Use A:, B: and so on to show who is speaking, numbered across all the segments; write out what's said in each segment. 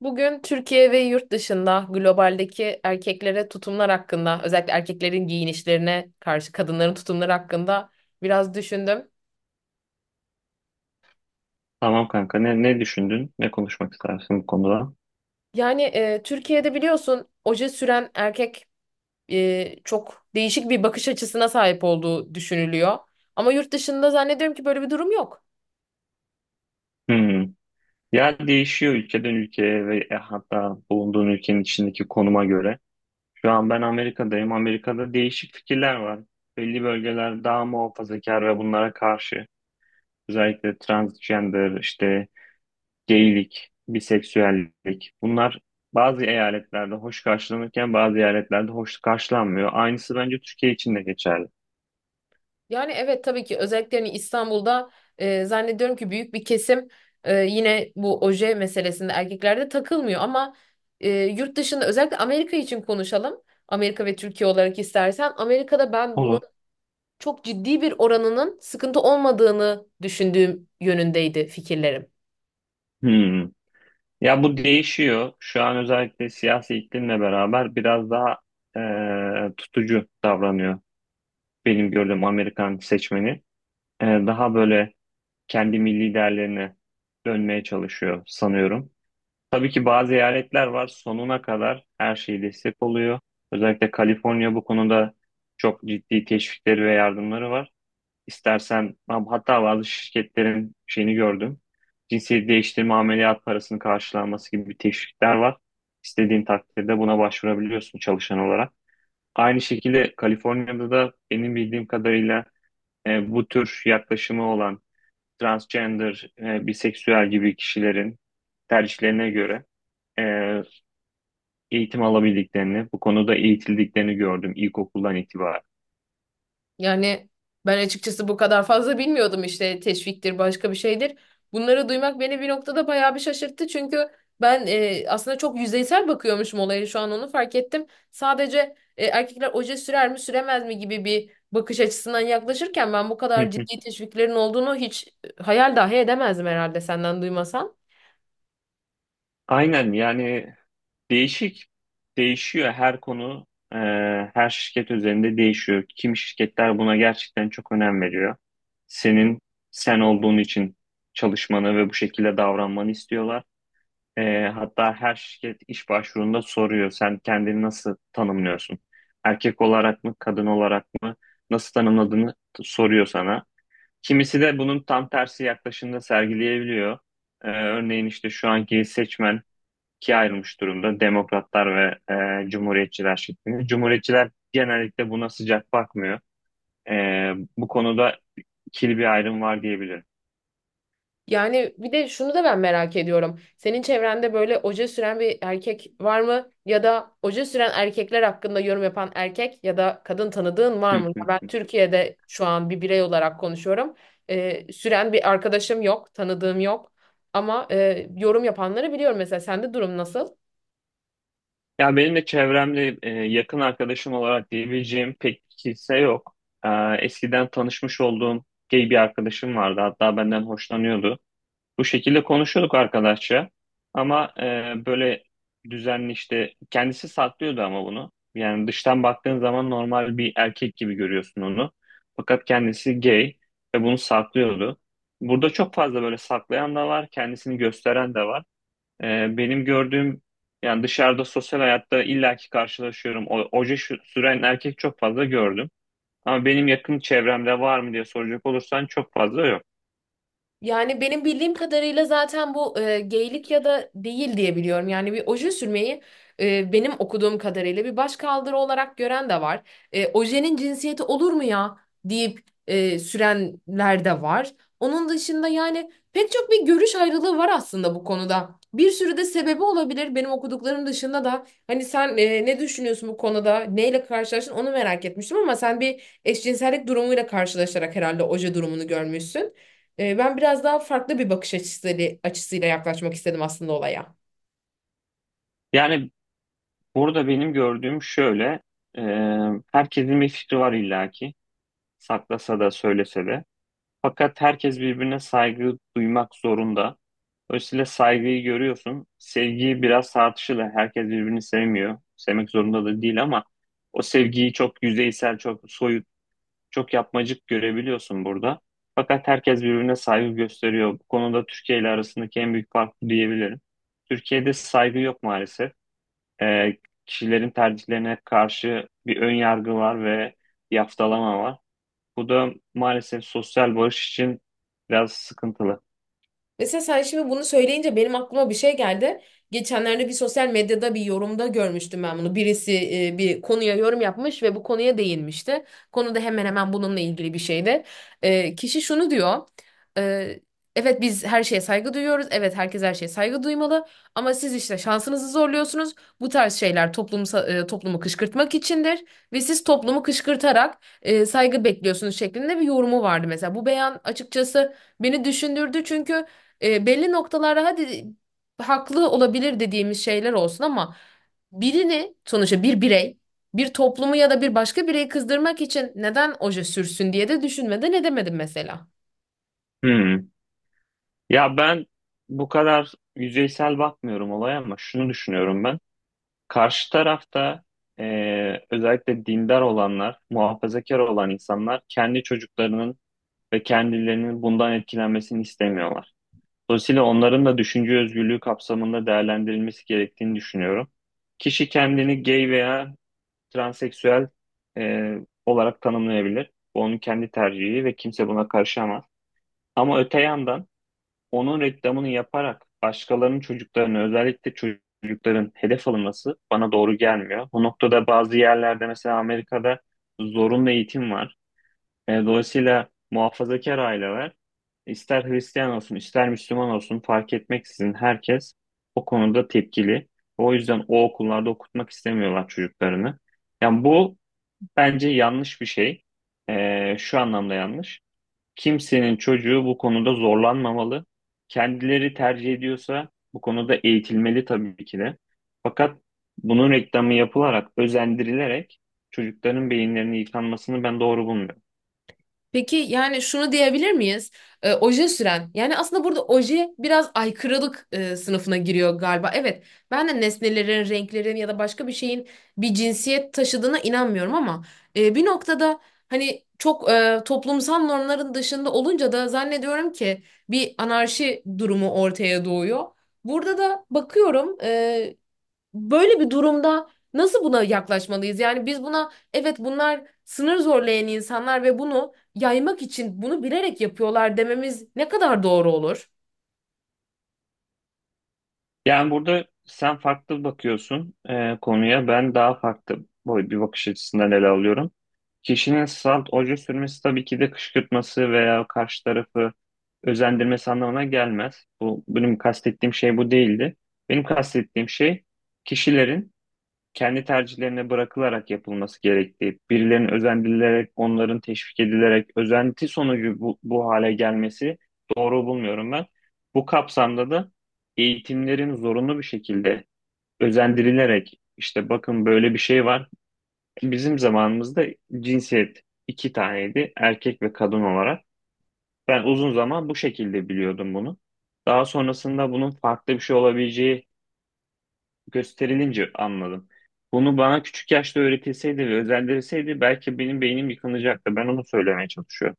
A: Bugün Türkiye ve yurt dışında globaldeki erkeklere tutumlar hakkında, özellikle erkeklerin giyinişlerine karşı kadınların tutumları hakkında biraz düşündüm.
B: Tamam kanka. Ne düşündün? Ne konuşmak istersin bu konuda?
A: Yani Türkiye'de biliyorsun oje süren erkek çok değişik bir bakış açısına sahip olduğu düşünülüyor. Ama yurt dışında zannediyorum ki böyle bir durum yok.
B: Hmm. Ya değişiyor ülkeden ülkeye ve hatta bulunduğun ülkenin içindeki konuma göre. Şu an ben Amerika'dayım. Amerika'da değişik fikirler var. Belli bölgeler daha muhafazakar ve bunlara karşı. Özellikle transgender, işte geylik, biseksüellik. Bunlar bazı eyaletlerde hoş karşılanırken bazı eyaletlerde hoş karşılanmıyor. Aynısı bence Türkiye için de geçerli.
A: Yani evet, tabii ki özellikle hani İstanbul'da zannediyorum ki büyük bir kesim yine bu oje meselesinde erkeklerde takılmıyor, ama yurt dışında özellikle Amerika için konuşalım. Amerika ve Türkiye olarak istersen Amerika'da ben bunun
B: Olur.
A: çok ciddi bir oranının sıkıntı olmadığını düşündüğüm yönündeydi fikirlerim.
B: Hmm. Ya bu değişiyor. Şu an özellikle siyasi iklimle beraber biraz daha tutucu davranıyor. Benim gördüğüm Amerikan seçmeni. Daha böyle kendi milli değerlerine dönmeye çalışıyor sanıyorum. Tabii ki bazı eyaletler var sonuna kadar her şeyi destek oluyor. Özellikle Kaliforniya bu konuda çok ciddi teşvikleri ve yardımları var. İstersen hatta bazı şirketlerin şeyini gördüm. Cinsiyet değiştirme ameliyat parasının karşılanması gibi bir teşvikler var. İstediğin takdirde buna başvurabiliyorsun çalışan olarak. Aynı şekilde Kaliforniya'da da benim bildiğim kadarıyla bu tür yaklaşımı olan transgender, biseksüel gibi kişilerin tercihlerine göre e, eğitim alabildiklerini, bu konuda eğitildiklerini gördüm ilkokuldan itibaren.
A: Yani ben açıkçası bu kadar fazla bilmiyordum, işte teşviktir başka bir şeydir. Bunları duymak beni bir noktada bayağı bir şaşırttı. Çünkü ben aslında çok yüzeysel bakıyormuşum olaya, şu an onu fark ettim. Sadece erkekler oje sürer mi süremez mi gibi bir bakış açısından yaklaşırken ben bu
B: Hı
A: kadar
B: hı.
A: ciddi teşviklerin olduğunu hiç hayal dahi edemezdim herhalde senden duymasam.
B: Aynen yani. Değişik. Değişiyor her konu, e, her şirket üzerinde değişiyor. Kim şirketler buna gerçekten çok önem veriyor. Senin sen olduğun için çalışmanı ve bu şekilde davranmanı istiyorlar. Hatta her şirket iş başvurunda soruyor. Sen kendini nasıl tanımlıyorsun? Erkek olarak mı, kadın olarak mı? Soruyor sana. Kimisi de bunun tam tersi yaklaşımda sergileyebiliyor. Örneğin işte şu anki seçmen ikiye ayrılmış durumda. Demokratlar ve Cumhuriyetçiler şeklinde. Cumhuriyetçiler genellikle buna sıcak bakmıyor. E, Bu konuda ikili bir ayrım var diyebilirim.
A: Yani bir de şunu da ben merak ediyorum. Senin çevrende böyle oje süren bir erkek var mı? Ya da oje süren erkekler hakkında yorum yapan erkek ya da kadın tanıdığın var mı? Ben Türkiye'de şu an bir birey olarak konuşuyorum. Süren bir arkadaşım yok, tanıdığım yok. Ama yorum yapanları biliyorum. Mesela sende durum nasıl?
B: Ya benim de çevremde yakın arkadaşım olarak diyebileceğim pek kimse yok. E, Eskiden tanışmış olduğum gay bir arkadaşım vardı. Hatta benden hoşlanıyordu. Bu şekilde konuşuyorduk arkadaşça. Ama böyle düzenli işte kendisi saklıyordu ama bunu. Yani dıştan baktığın zaman normal bir erkek gibi görüyorsun onu. Fakat kendisi gay ve bunu saklıyordu. Burada çok fazla böyle saklayan da var, kendisini gösteren de var. Benim gördüğüm yani dışarıda sosyal hayatta illaki karşılaşıyorum. Süren erkek çok fazla gördüm. Ama benim yakın çevremde var mı diye soracak olursan çok fazla yok.
A: Yani benim bildiğim kadarıyla zaten bu geylik ya da değil diye biliyorum. Yani bir oje sürmeyi benim okuduğum kadarıyla bir başkaldırı olarak gören de var. Ojenin cinsiyeti olur mu ya deyip sürenler de var. Onun dışında yani pek çok bir görüş ayrılığı var aslında bu konuda. Bir sürü de sebebi olabilir benim okuduklarım dışında da. Hani sen ne düşünüyorsun bu konuda? Neyle karşılaştın onu merak etmiştim, ama sen bir eşcinsellik durumuyla karşılaşarak herhalde oje durumunu görmüşsün. Ben biraz daha farklı bir bakış açısıyla yaklaşmak istedim aslında olaya.
B: Yani burada benim gördüğüm şöyle, e, herkesin bir fikri var illaki, saklasa da söylese de. Fakat herkes birbirine saygı duymak zorunda. Dolayısıyla saygıyı görüyorsun. Sevgiyi biraz tartışılır. Herkes birbirini sevmiyor. Sevmek zorunda da değil ama o sevgiyi çok yüzeysel, çok soyut, çok yapmacık görebiliyorsun burada. Fakat herkes birbirine saygı gösteriyor. Bu konuda Türkiye ile arasındaki en büyük fark bu diyebilirim. Türkiye'de saygı yok maalesef e, kişilerin tercihlerine karşı bir ön yargı var ve bir haftalama var. Bu da maalesef sosyal barış için biraz sıkıntılı.
A: Mesela sen şimdi bunu söyleyince benim aklıma bir şey geldi. Geçenlerde bir sosyal medyada bir yorumda görmüştüm ben bunu. Birisi bir konuya yorum yapmış ve bu konuya değinmişti. Konu da hemen hemen bununla ilgili bir şeydi. Kişi şunu diyor: e, evet, biz her şeye saygı duyuyoruz. Evet, herkes her şeye saygı duymalı. Ama siz işte şansınızı zorluyorsunuz. Bu tarz şeyler toplumu kışkırtmak içindir. Ve siz toplumu kışkırtarak saygı bekliyorsunuz şeklinde bir yorumu vardı mesela. Bu beyan açıkçası beni düşündürdü, çünkü belli noktalarda hadi haklı olabilir dediğimiz şeyler olsun, ama birini sonuçta bir birey bir toplumu ya da bir başka bireyi kızdırmak için neden oje sürsün diye de düşünmeden edemedim mesela.
B: Hmm. Ya ben bu kadar yüzeysel bakmıyorum olaya ama şunu düşünüyorum ben. Karşı tarafta özellikle dindar olanlar, muhafazakar olan insanlar kendi çocuklarının ve kendilerinin bundan etkilenmesini istemiyorlar. Dolayısıyla onların da düşünce özgürlüğü kapsamında değerlendirilmesi gerektiğini düşünüyorum. Kişi kendini gay veya transseksüel e, olarak tanımlayabilir. Bu onun kendi tercihi ve kimse buna karışamaz. Ama öte yandan onun reklamını yaparak başkalarının çocuklarını özellikle çocukların hedef alınması bana doğru gelmiyor. Bu noktada bazı yerlerde mesela Amerika'da zorunlu eğitim var. Dolayısıyla muhafazakar aileler ister Hristiyan olsun ister Müslüman olsun fark etmeksizin herkes o konuda tepkili. O yüzden o okullarda okutmak istemiyorlar çocuklarını. Yani bu bence yanlış bir şey. Şu anlamda yanlış. Kimsenin çocuğu bu konuda zorlanmamalı. Kendileri tercih ediyorsa bu konuda eğitilmeli tabii ki de. Fakat bunun reklamı yapılarak, özendirilerek çocukların beyinlerini yıkanmasını ben doğru bulmuyorum.
A: Peki yani şunu diyebilir miyiz? Oje süren. Yani aslında burada oje biraz aykırılık sınıfına giriyor galiba. Evet, ben de nesnelerin, renklerin ya da başka bir şeyin bir cinsiyet taşıdığına inanmıyorum, ama bir noktada hani çok toplumsal normların dışında olunca da zannediyorum ki bir anarşi durumu ortaya doğuyor. Burada da bakıyorum, böyle bir durumda nasıl buna yaklaşmalıyız? Yani biz buna evet bunlar sınır zorlayan insanlar ve bunu yaymak için bunu bilerek yapıyorlar dememiz ne kadar doğru olur?
B: Yani burada sen farklı bakıyorsun konuya. Ben daha farklı boy bir bakış açısından ele alıyorum. Kişinin salt oje sürmesi tabii ki de kışkırtması veya karşı tarafı özendirmesi anlamına gelmez. Bu benim kastettiğim şey bu değildi. Benim kastettiğim şey kişilerin kendi tercihlerine bırakılarak yapılması gerektiği, birilerinin özendirilerek, onların teşvik edilerek, özenti sonucu bu hale gelmesi doğru bulmuyorum ben. Bu kapsamda da eğitimlerin zorunlu bir şekilde özendirilerek, işte bakın böyle bir şey var. Bizim zamanımızda cinsiyet iki taneydi, erkek ve kadın olarak. Ben uzun zaman bu şekilde biliyordum bunu. Daha sonrasında bunun farklı bir şey olabileceği gösterilince anladım. Bunu bana küçük yaşta öğretilseydi ve özendirilseydi belki benim beynim yıkılacaktı. Ben onu söylemeye çalışıyorum.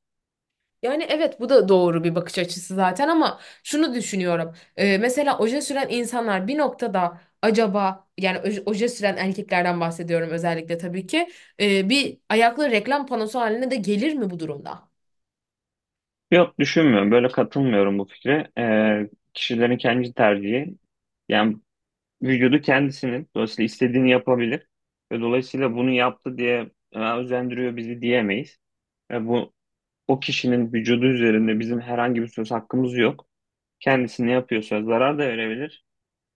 A: Yani evet, bu da doğru bir bakış açısı zaten, ama şunu düşünüyorum. Mesela oje süren insanlar bir noktada acaba yani oje süren erkeklerden bahsediyorum özellikle, tabii ki bir ayaklı reklam panosu haline de gelir mi bu durumda?
B: Yok düşünmüyorum. Böyle katılmıyorum bu fikre. Kişilerin kendi tercihi. Yani vücudu kendisinin. Dolayısıyla istediğini yapabilir. Ve dolayısıyla bunu yaptı diye "Aa, özendiriyor bizi" diyemeyiz. Ve bu o kişinin vücudu üzerinde bizim herhangi bir söz hakkımız yok. Kendisi ne yapıyorsa zarar da verebilir.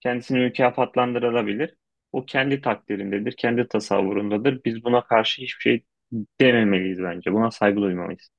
B: Kendisini mükafatlandırılabilir. O kendi takdirindedir, kendi tasavvurundadır. Biz buna karşı hiçbir şey dememeliyiz bence. Buna saygı duymalıyız.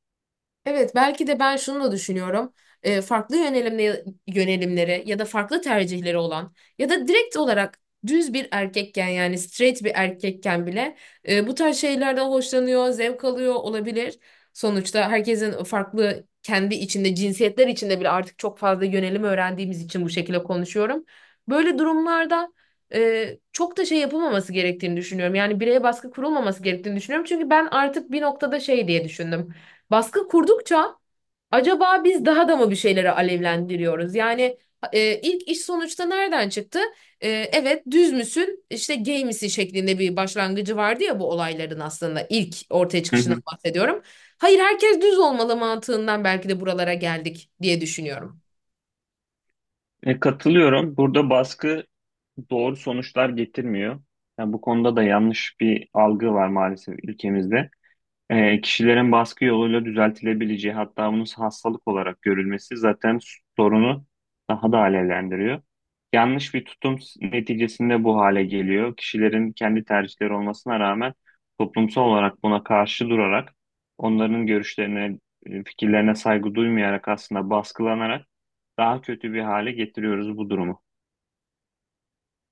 A: Evet, belki de ben şunu da düşünüyorum. Farklı yönelimleri ya da farklı tercihleri olan ya da direkt olarak düz bir erkekken yani straight bir erkekken bile bu tarz şeylerden hoşlanıyor, zevk alıyor olabilir. Sonuçta herkesin farklı kendi içinde, cinsiyetler içinde bile artık çok fazla yönelim öğrendiğimiz için bu şekilde konuşuyorum. Böyle durumlarda çok da şey yapılmaması gerektiğini düşünüyorum. Yani bireye baskı kurulmaması gerektiğini düşünüyorum. Çünkü ben artık bir noktada şey diye düşündüm. Baskı kurdukça acaba biz daha da mı bir şeyleri alevlendiriyoruz? Yani ilk iş sonuçta nereden çıktı? Evet, düz müsün işte gay misin şeklinde bir başlangıcı vardı ya bu olayların, aslında ilk ortaya
B: Hı
A: çıkışından
B: hı.
A: bahsediyorum. Hayır, herkes düz olmalı mantığından belki de buralara geldik diye düşünüyorum.
B: Katılıyorum. Burada baskı doğru sonuçlar getirmiyor. Yani bu konuda da yanlış bir algı var maalesef ülkemizde. Kişilerin baskı yoluyla düzeltilebileceği hatta bunun hastalık olarak görülmesi zaten sorunu daha da alevlendiriyor. Yanlış bir tutum neticesinde bu hale geliyor. Kişilerin kendi tercihleri olmasına rağmen toplumsal olarak buna karşı durarak onların görüşlerine, fikirlerine saygı duymayarak aslında baskılanarak daha kötü bir hale getiriyoruz bu durumu.